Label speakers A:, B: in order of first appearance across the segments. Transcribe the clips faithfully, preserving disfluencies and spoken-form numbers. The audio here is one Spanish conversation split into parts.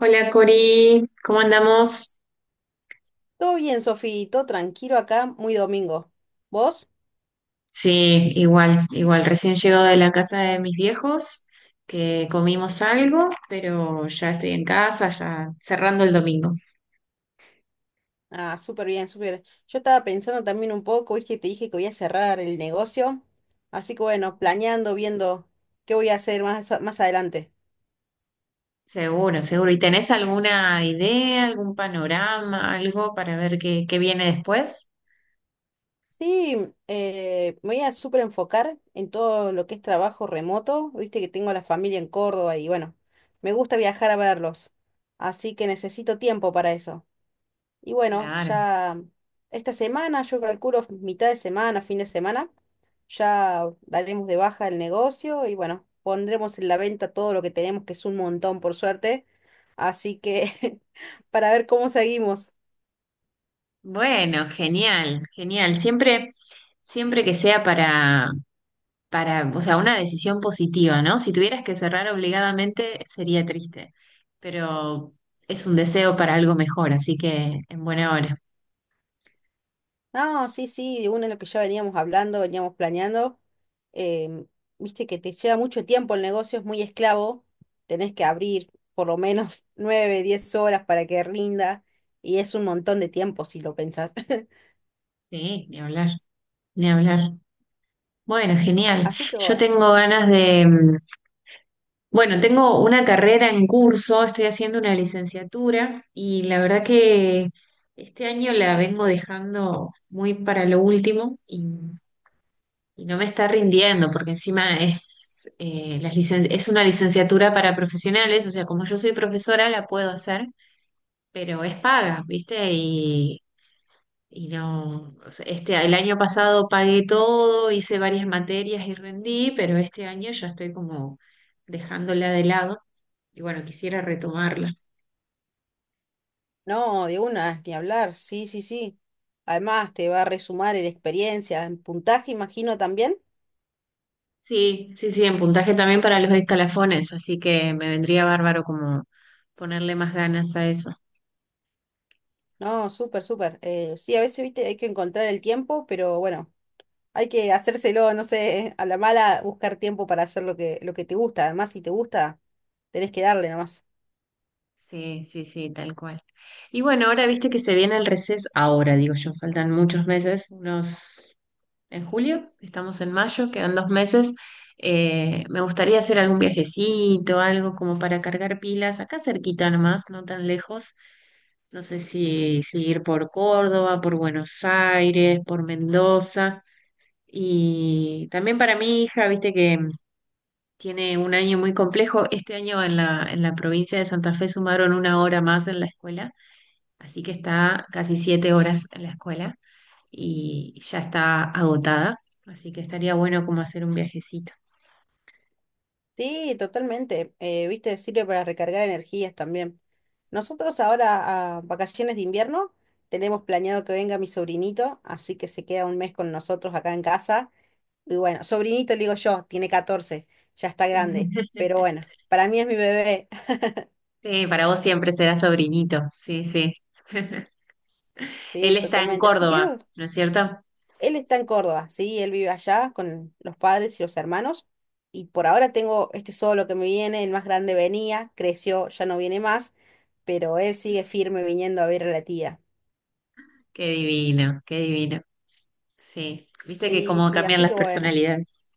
A: Hola Cori, ¿cómo andamos?
B: Todo bien, Sofi, todo tranquilo acá, muy domingo. ¿Vos?
A: Sí, igual, igual. Recién llego de la casa de mis viejos, que comimos algo, pero ya estoy en casa, ya cerrando el domingo.
B: Ah, súper bien, súper. Yo estaba pensando también un poco, viste, te dije que voy a cerrar el negocio. Así que bueno, planeando, viendo qué voy a hacer más, a- más adelante.
A: Seguro, seguro. ¿Y tenés alguna idea, algún panorama, algo para ver qué, qué viene después?
B: Sí, eh, me voy a súper enfocar en todo lo que es trabajo remoto. Viste que tengo a la familia en Córdoba y bueno, me gusta viajar a verlos. Así que necesito tiempo para eso. Y bueno,
A: Claro.
B: ya esta semana, yo calculo mitad de semana, fin de semana, ya daremos de baja el negocio y bueno, pondremos en la venta todo lo que tenemos, que es un montón por suerte. Así que para ver cómo seguimos.
A: Bueno, genial, genial. Siempre, siempre que sea para, para, o sea, una decisión positiva, ¿no? Si tuvieras que cerrar obligadamente sería triste, pero es un deseo para algo mejor, así que en buena hora.
B: No, sí, sí, de una es lo que ya veníamos hablando, veníamos planeando. em, Viste que te lleva mucho tiempo el negocio, es muy esclavo. Tenés que abrir por lo menos nueve, diez horas para que rinda. Y es un montón de tiempo si lo pensás.
A: Sí, ni hablar, ni hablar. Bueno, genial.
B: Así que
A: Yo
B: bueno,
A: tengo ganas de, mm, bueno, tengo una carrera en curso, estoy haciendo una licenciatura y la verdad que este año la vengo dejando muy para lo último. Y Y no me está rindiendo, porque encima es, eh, las licen- es una licenciatura para profesionales, o sea, como yo soy profesora, la puedo hacer, pero es paga, ¿viste? Y, y no, o sea, este, el año pasado pagué todo, hice varias materias y rendí, pero este año ya estoy como dejándola de lado y bueno, quisiera retomarla.
B: no, de una, ni hablar, sí, sí, sí. Además, te va a resumar en experiencia, en puntaje, imagino también.
A: Sí, sí, sí, en puntaje también para los escalafones, así que me vendría bárbaro como ponerle más ganas a eso.
B: No, súper, súper. Eh, sí, a veces, viste, hay que encontrar el tiempo, pero bueno, hay que hacérselo, no sé, a la mala, buscar tiempo para hacer lo que, lo que te gusta. Además, si te gusta, tenés que darle nomás.
A: Sí, sí, sí, tal cual. Y bueno, ahora viste que se viene el receso, ahora digo yo, faltan muchos meses, unos, en julio, estamos en mayo, quedan dos meses. Eh, me gustaría hacer algún viajecito, algo como para cargar pilas, acá cerquita nomás, no tan lejos. No sé si, si ir por Córdoba, por Buenos Aires, por Mendoza. Y también para mi hija, viste que tiene un año muy complejo. Este año en la, en la provincia de Santa Fe sumaron una hora más en la escuela. Así que está casi siete horas en la escuela y ya está agotada. Así que estaría bueno como hacer un viajecito.
B: Sí, totalmente. Eh, viste, sirve para recargar energías también. Nosotros ahora a vacaciones de invierno tenemos planeado que venga mi sobrinito, así que se queda un mes con nosotros acá en casa. Y bueno, sobrinito le digo yo, tiene catorce, ya está grande, pero bueno, para mí es mi bebé.
A: Sí, para vos siempre será sobrinito. Sí, sí. Él
B: Sí,
A: está en
B: totalmente. Así que
A: Córdoba,
B: eso.
A: ¿no es cierto?
B: Él está en Córdoba, sí, él vive allá con los padres y los hermanos. Y por ahora tengo este solo que me viene, el más grande venía, creció, ya no viene más, pero él sigue firme viniendo a ver a la tía.
A: Qué divino, qué divino. Sí, viste que
B: Sí,
A: cómo
B: sí,
A: cambian
B: así
A: las
B: que bueno,
A: personalidades.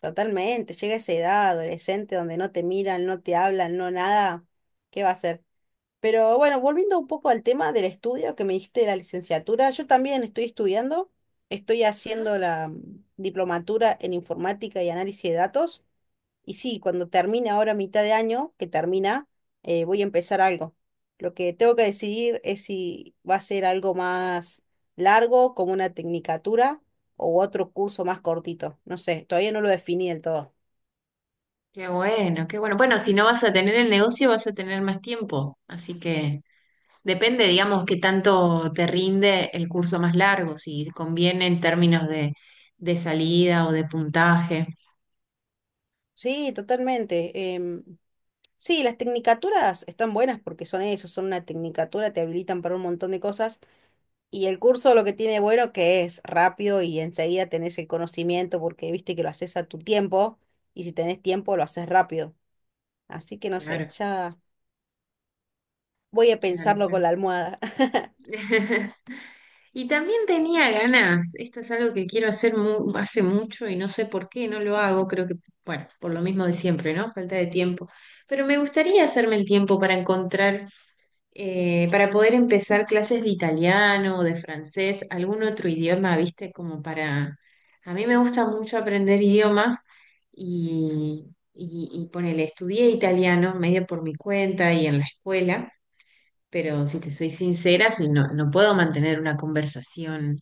B: totalmente. Llega esa edad adolescente donde no te miran, no te hablan, no nada. ¿Qué va a hacer? Pero bueno, volviendo un poco al tema del estudio que me diste de la licenciatura, yo también estoy estudiando, estoy haciendo la mm, diplomatura en informática y análisis de datos. Y sí, cuando termine ahora mitad de año, que termina, eh, voy a empezar algo. Lo que tengo que decidir es si va a ser algo más largo, como una tecnicatura, o otro curso más cortito. No sé, todavía no lo definí del todo.
A: Qué bueno, qué bueno. Bueno, si no vas a tener el negocio, vas a tener más tiempo. Así que depende, digamos, qué tanto te rinde el curso más largo, si conviene en términos de, de salida o de puntaje.
B: Sí, totalmente. em, sí, las tecnicaturas están buenas porque son eso, son una tecnicatura, te habilitan para un montón de cosas. Y el curso lo que tiene bueno que es rápido y enseguida tenés el conocimiento porque viste que lo haces a tu tiempo y si tenés tiempo lo haces rápido. Así que no sé,
A: Claro,
B: ya voy a
A: claro,
B: pensarlo con
A: claro.
B: la almohada.
A: Y también tenía ganas, esto es algo que quiero hacer mu- hace mucho y no sé por qué no lo hago, creo que, bueno, por lo mismo de siempre, ¿no? Falta de tiempo. Pero me gustaría hacerme el tiempo para encontrar, eh, para poder empezar clases de italiano o de francés, algún otro idioma, viste, como para... A mí me gusta mucho aprender idiomas y, y, y ponele, estudié italiano medio por mi cuenta y en la escuela, pero si te soy sincera, si no, no puedo mantener una conversación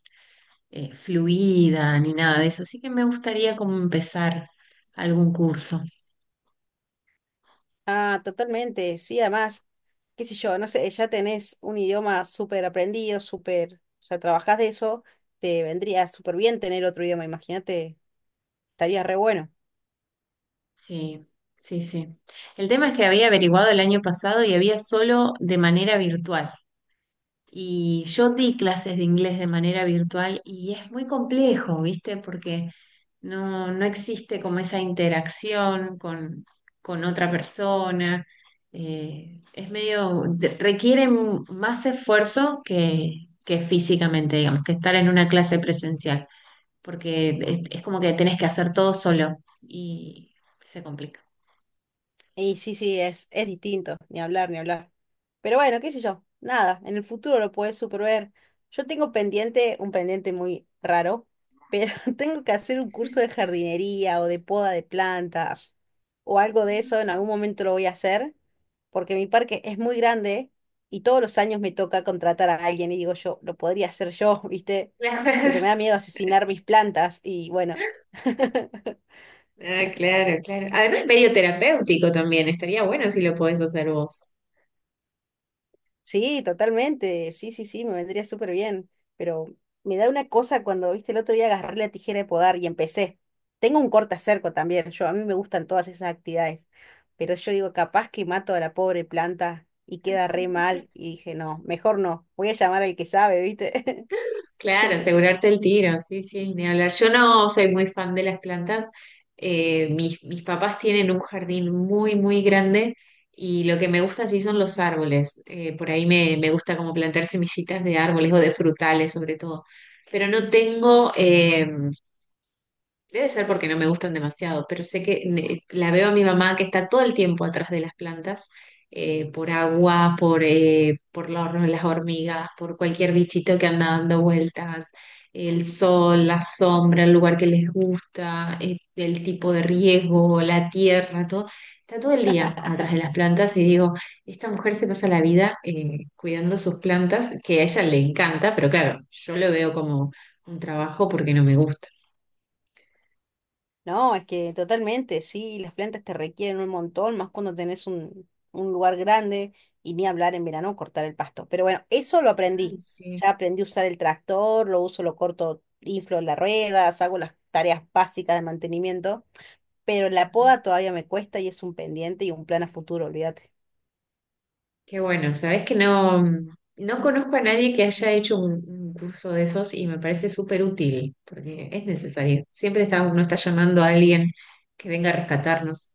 A: eh, fluida ni nada de eso, así que me gustaría como empezar algún curso.
B: Ah, totalmente, sí, además, qué sé yo, no sé, ya tenés un idioma súper aprendido, súper, o sea, trabajás de eso, te vendría súper bien tener otro idioma, imagínate, estaría re bueno.
A: Sí, sí, sí. El tema es que había averiguado el año pasado y había solo de manera virtual. Y yo di clases de inglés de manera virtual y es muy complejo, ¿viste? Porque no, no existe como esa interacción con, con otra persona. Eh, es medio, de- requiere m- más esfuerzo que, que físicamente, digamos, que estar en una clase presencial, porque es es como que tenés que hacer todo solo y se complica.
B: Y sí, sí, es, es distinto, ni hablar, ni hablar. Pero bueno, qué sé yo, nada, en el futuro lo puedes super ver. Yo tengo pendiente, un pendiente muy raro, pero tengo que hacer un curso de jardinería o de poda de plantas o algo de eso, en algún momento lo voy a hacer, porque mi parque es muy grande y todos los años me toca contratar a alguien y digo yo, lo podría hacer yo, ¿viste?
A: Claro.
B: Pero me da miedo asesinar mis plantas y bueno.
A: Ah, claro, claro. Además, medio terapéutico también. Estaría bueno si lo podés hacer vos.
B: Sí, totalmente. Sí, sí, sí, me vendría súper bien. Pero me da una cosa cuando, viste, el otro día agarré la tijera de podar y empecé. Tengo un cortacerco también. Yo, a mí me gustan todas esas actividades. Pero yo digo, capaz que mato a la pobre planta y queda re mal. Y dije, no, mejor no. Voy a llamar al que sabe, ¿viste?
A: Claro, asegurarte el tiro, sí, sí, ni hablar. Yo no soy muy fan de las plantas. Eh, mis, mis papás tienen un jardín muy, muy grande y lo que me gusta sí son los árboles. Eh, por ahí me, me gusta como plantar semillitas de árboles o de frutales sobre todo. Pero no tengo, eh, Debe ser porque no me gustan demasiado, pero sé que ne- la veo a mi mamá que está todo el tiempo atrás de las plantas, eh, por agua, por, eh, por la hor- las hormigas, por cualquier bichito que anda dando vueltas, el sol, la sombra, el lugar que les gusta, eh, el tipo de riego, la tierra, todo. Está todo el día atrás de las plantas y digo, esta mujer se pasa la vida eh, cuidando sus plantas, que a ella le encanta, pero claro, yo lo veo como un trabajo porque no me gusta.
B: No, es que totalmente, sí, las plantas te requieren un montón, más cuando tenés un, un lugar grande y ni hablar en verano cortar el pasto. Pero bueno, eso lo
A: Ay,
B: aprendí.
A: sí.
B: Ya aprendí a usar el tractor, lo uso, lo corto, inflo las ruedas, hago las tareas básicas de mantenimiento, pero la poda todavía me cuesta y es un pendiente y un plan a futuro, olvídate.
A: Qué bueno, sabes que no, no conozco a nadie que haya hecho un, un curso de esos y me parece súper útil, porque es necesario. Siempre está, uno está llamando a alguien que venga a rescatarnos.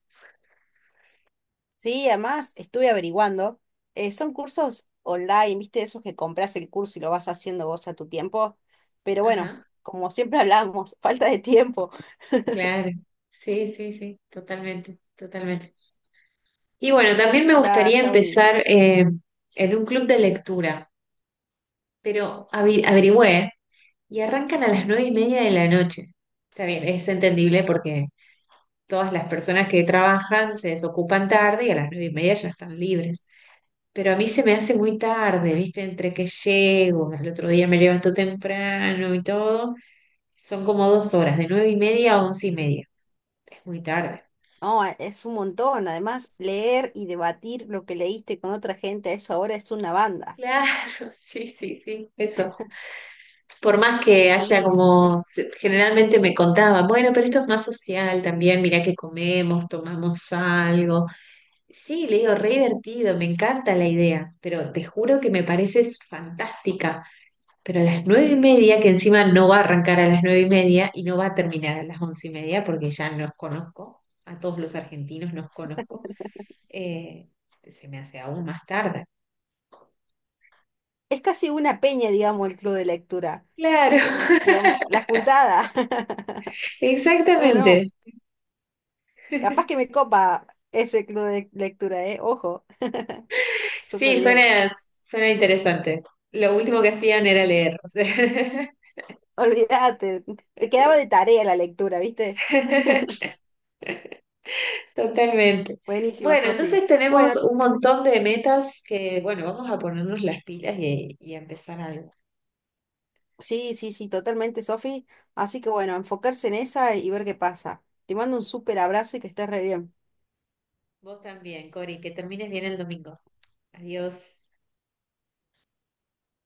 B: Sí, además estuve averiguando, eh, son cursos online, ¿viste? Esos que compras el curso y lo vas haciendo vos a tu tiempo, pero bueno,
A: Ajá,
B: como siempre hablamos, falta de tiempo.
A: claro. Sí, sí, sí, totalmente, totalmente. Y bueno, también me
B: Ya,
A: gustaría
B: ya voy a
A: empezar
B: intentar.
A: eh, en un club de lectura, pero avi- averigüé y arrancan a las nueve y media de la noche. Está bien, es entendible porque todas las personas que trabajan se desocupan tarde y a las nueve y media ya están libres. Pero a mí se me hace muy tarde, ¿viste? Entre que llego, al otro día me levanto temprano y todo. Son como dos horas, de nueve y media a once y media. Es muy tarde.
B: No, a- es un montón. Además, leer y debatir lo que leíste con otra gente, eso ahora es una banda.
A: Claro, sí, sí, sí, eso. Por más que haya
B: Sí, sí, sí.
A: como, se- generalmente me contaban, bueno, pero esto es más social también, mirá que comemos, tomamos algo. Sí, le digo, re divertido, me encanta la idea, pero te juro que me parece s- fantástica. Pero a las nueve y media, que encima no va a arrancar a las nueve y media y no va a terminar a las once y media, porque ya nos conozco, a todos los argentinos nos conozco, eh, se me hace aún más tarde.
B: Es casi una peña, digamos, el club de lectura.
A: Claro,
B: Es, digamos, la juntada.
A: exactamente.
B: Bueno, capaz que me copa ese club de lectura, ¿eh? Ojo. Súper
A: Sí,
B: bien.
A: suena, suena interesante. Lo último que hacían era
B: Sí,
A: leer, o sea.
B: olvídate. Te quedaba de tarea la lectura, ¿viste?
A: Totalmente.
B: Buenísimo,
A: Bueno,
B: Sofi.
A: entonces tenemos
B: Bueno,
A: un montón de metas que, bueno, vamos a ponernos las pilas y, y a empezar algo.
B: Sí, sí, sí, totalmente, Sofi. Así que bueno, enfocarse en esa y ver qué pasa. Te mando un súper abrazo y que estés re bien.
A: Vos también, Cori, que termines bien el domingo. Adiós.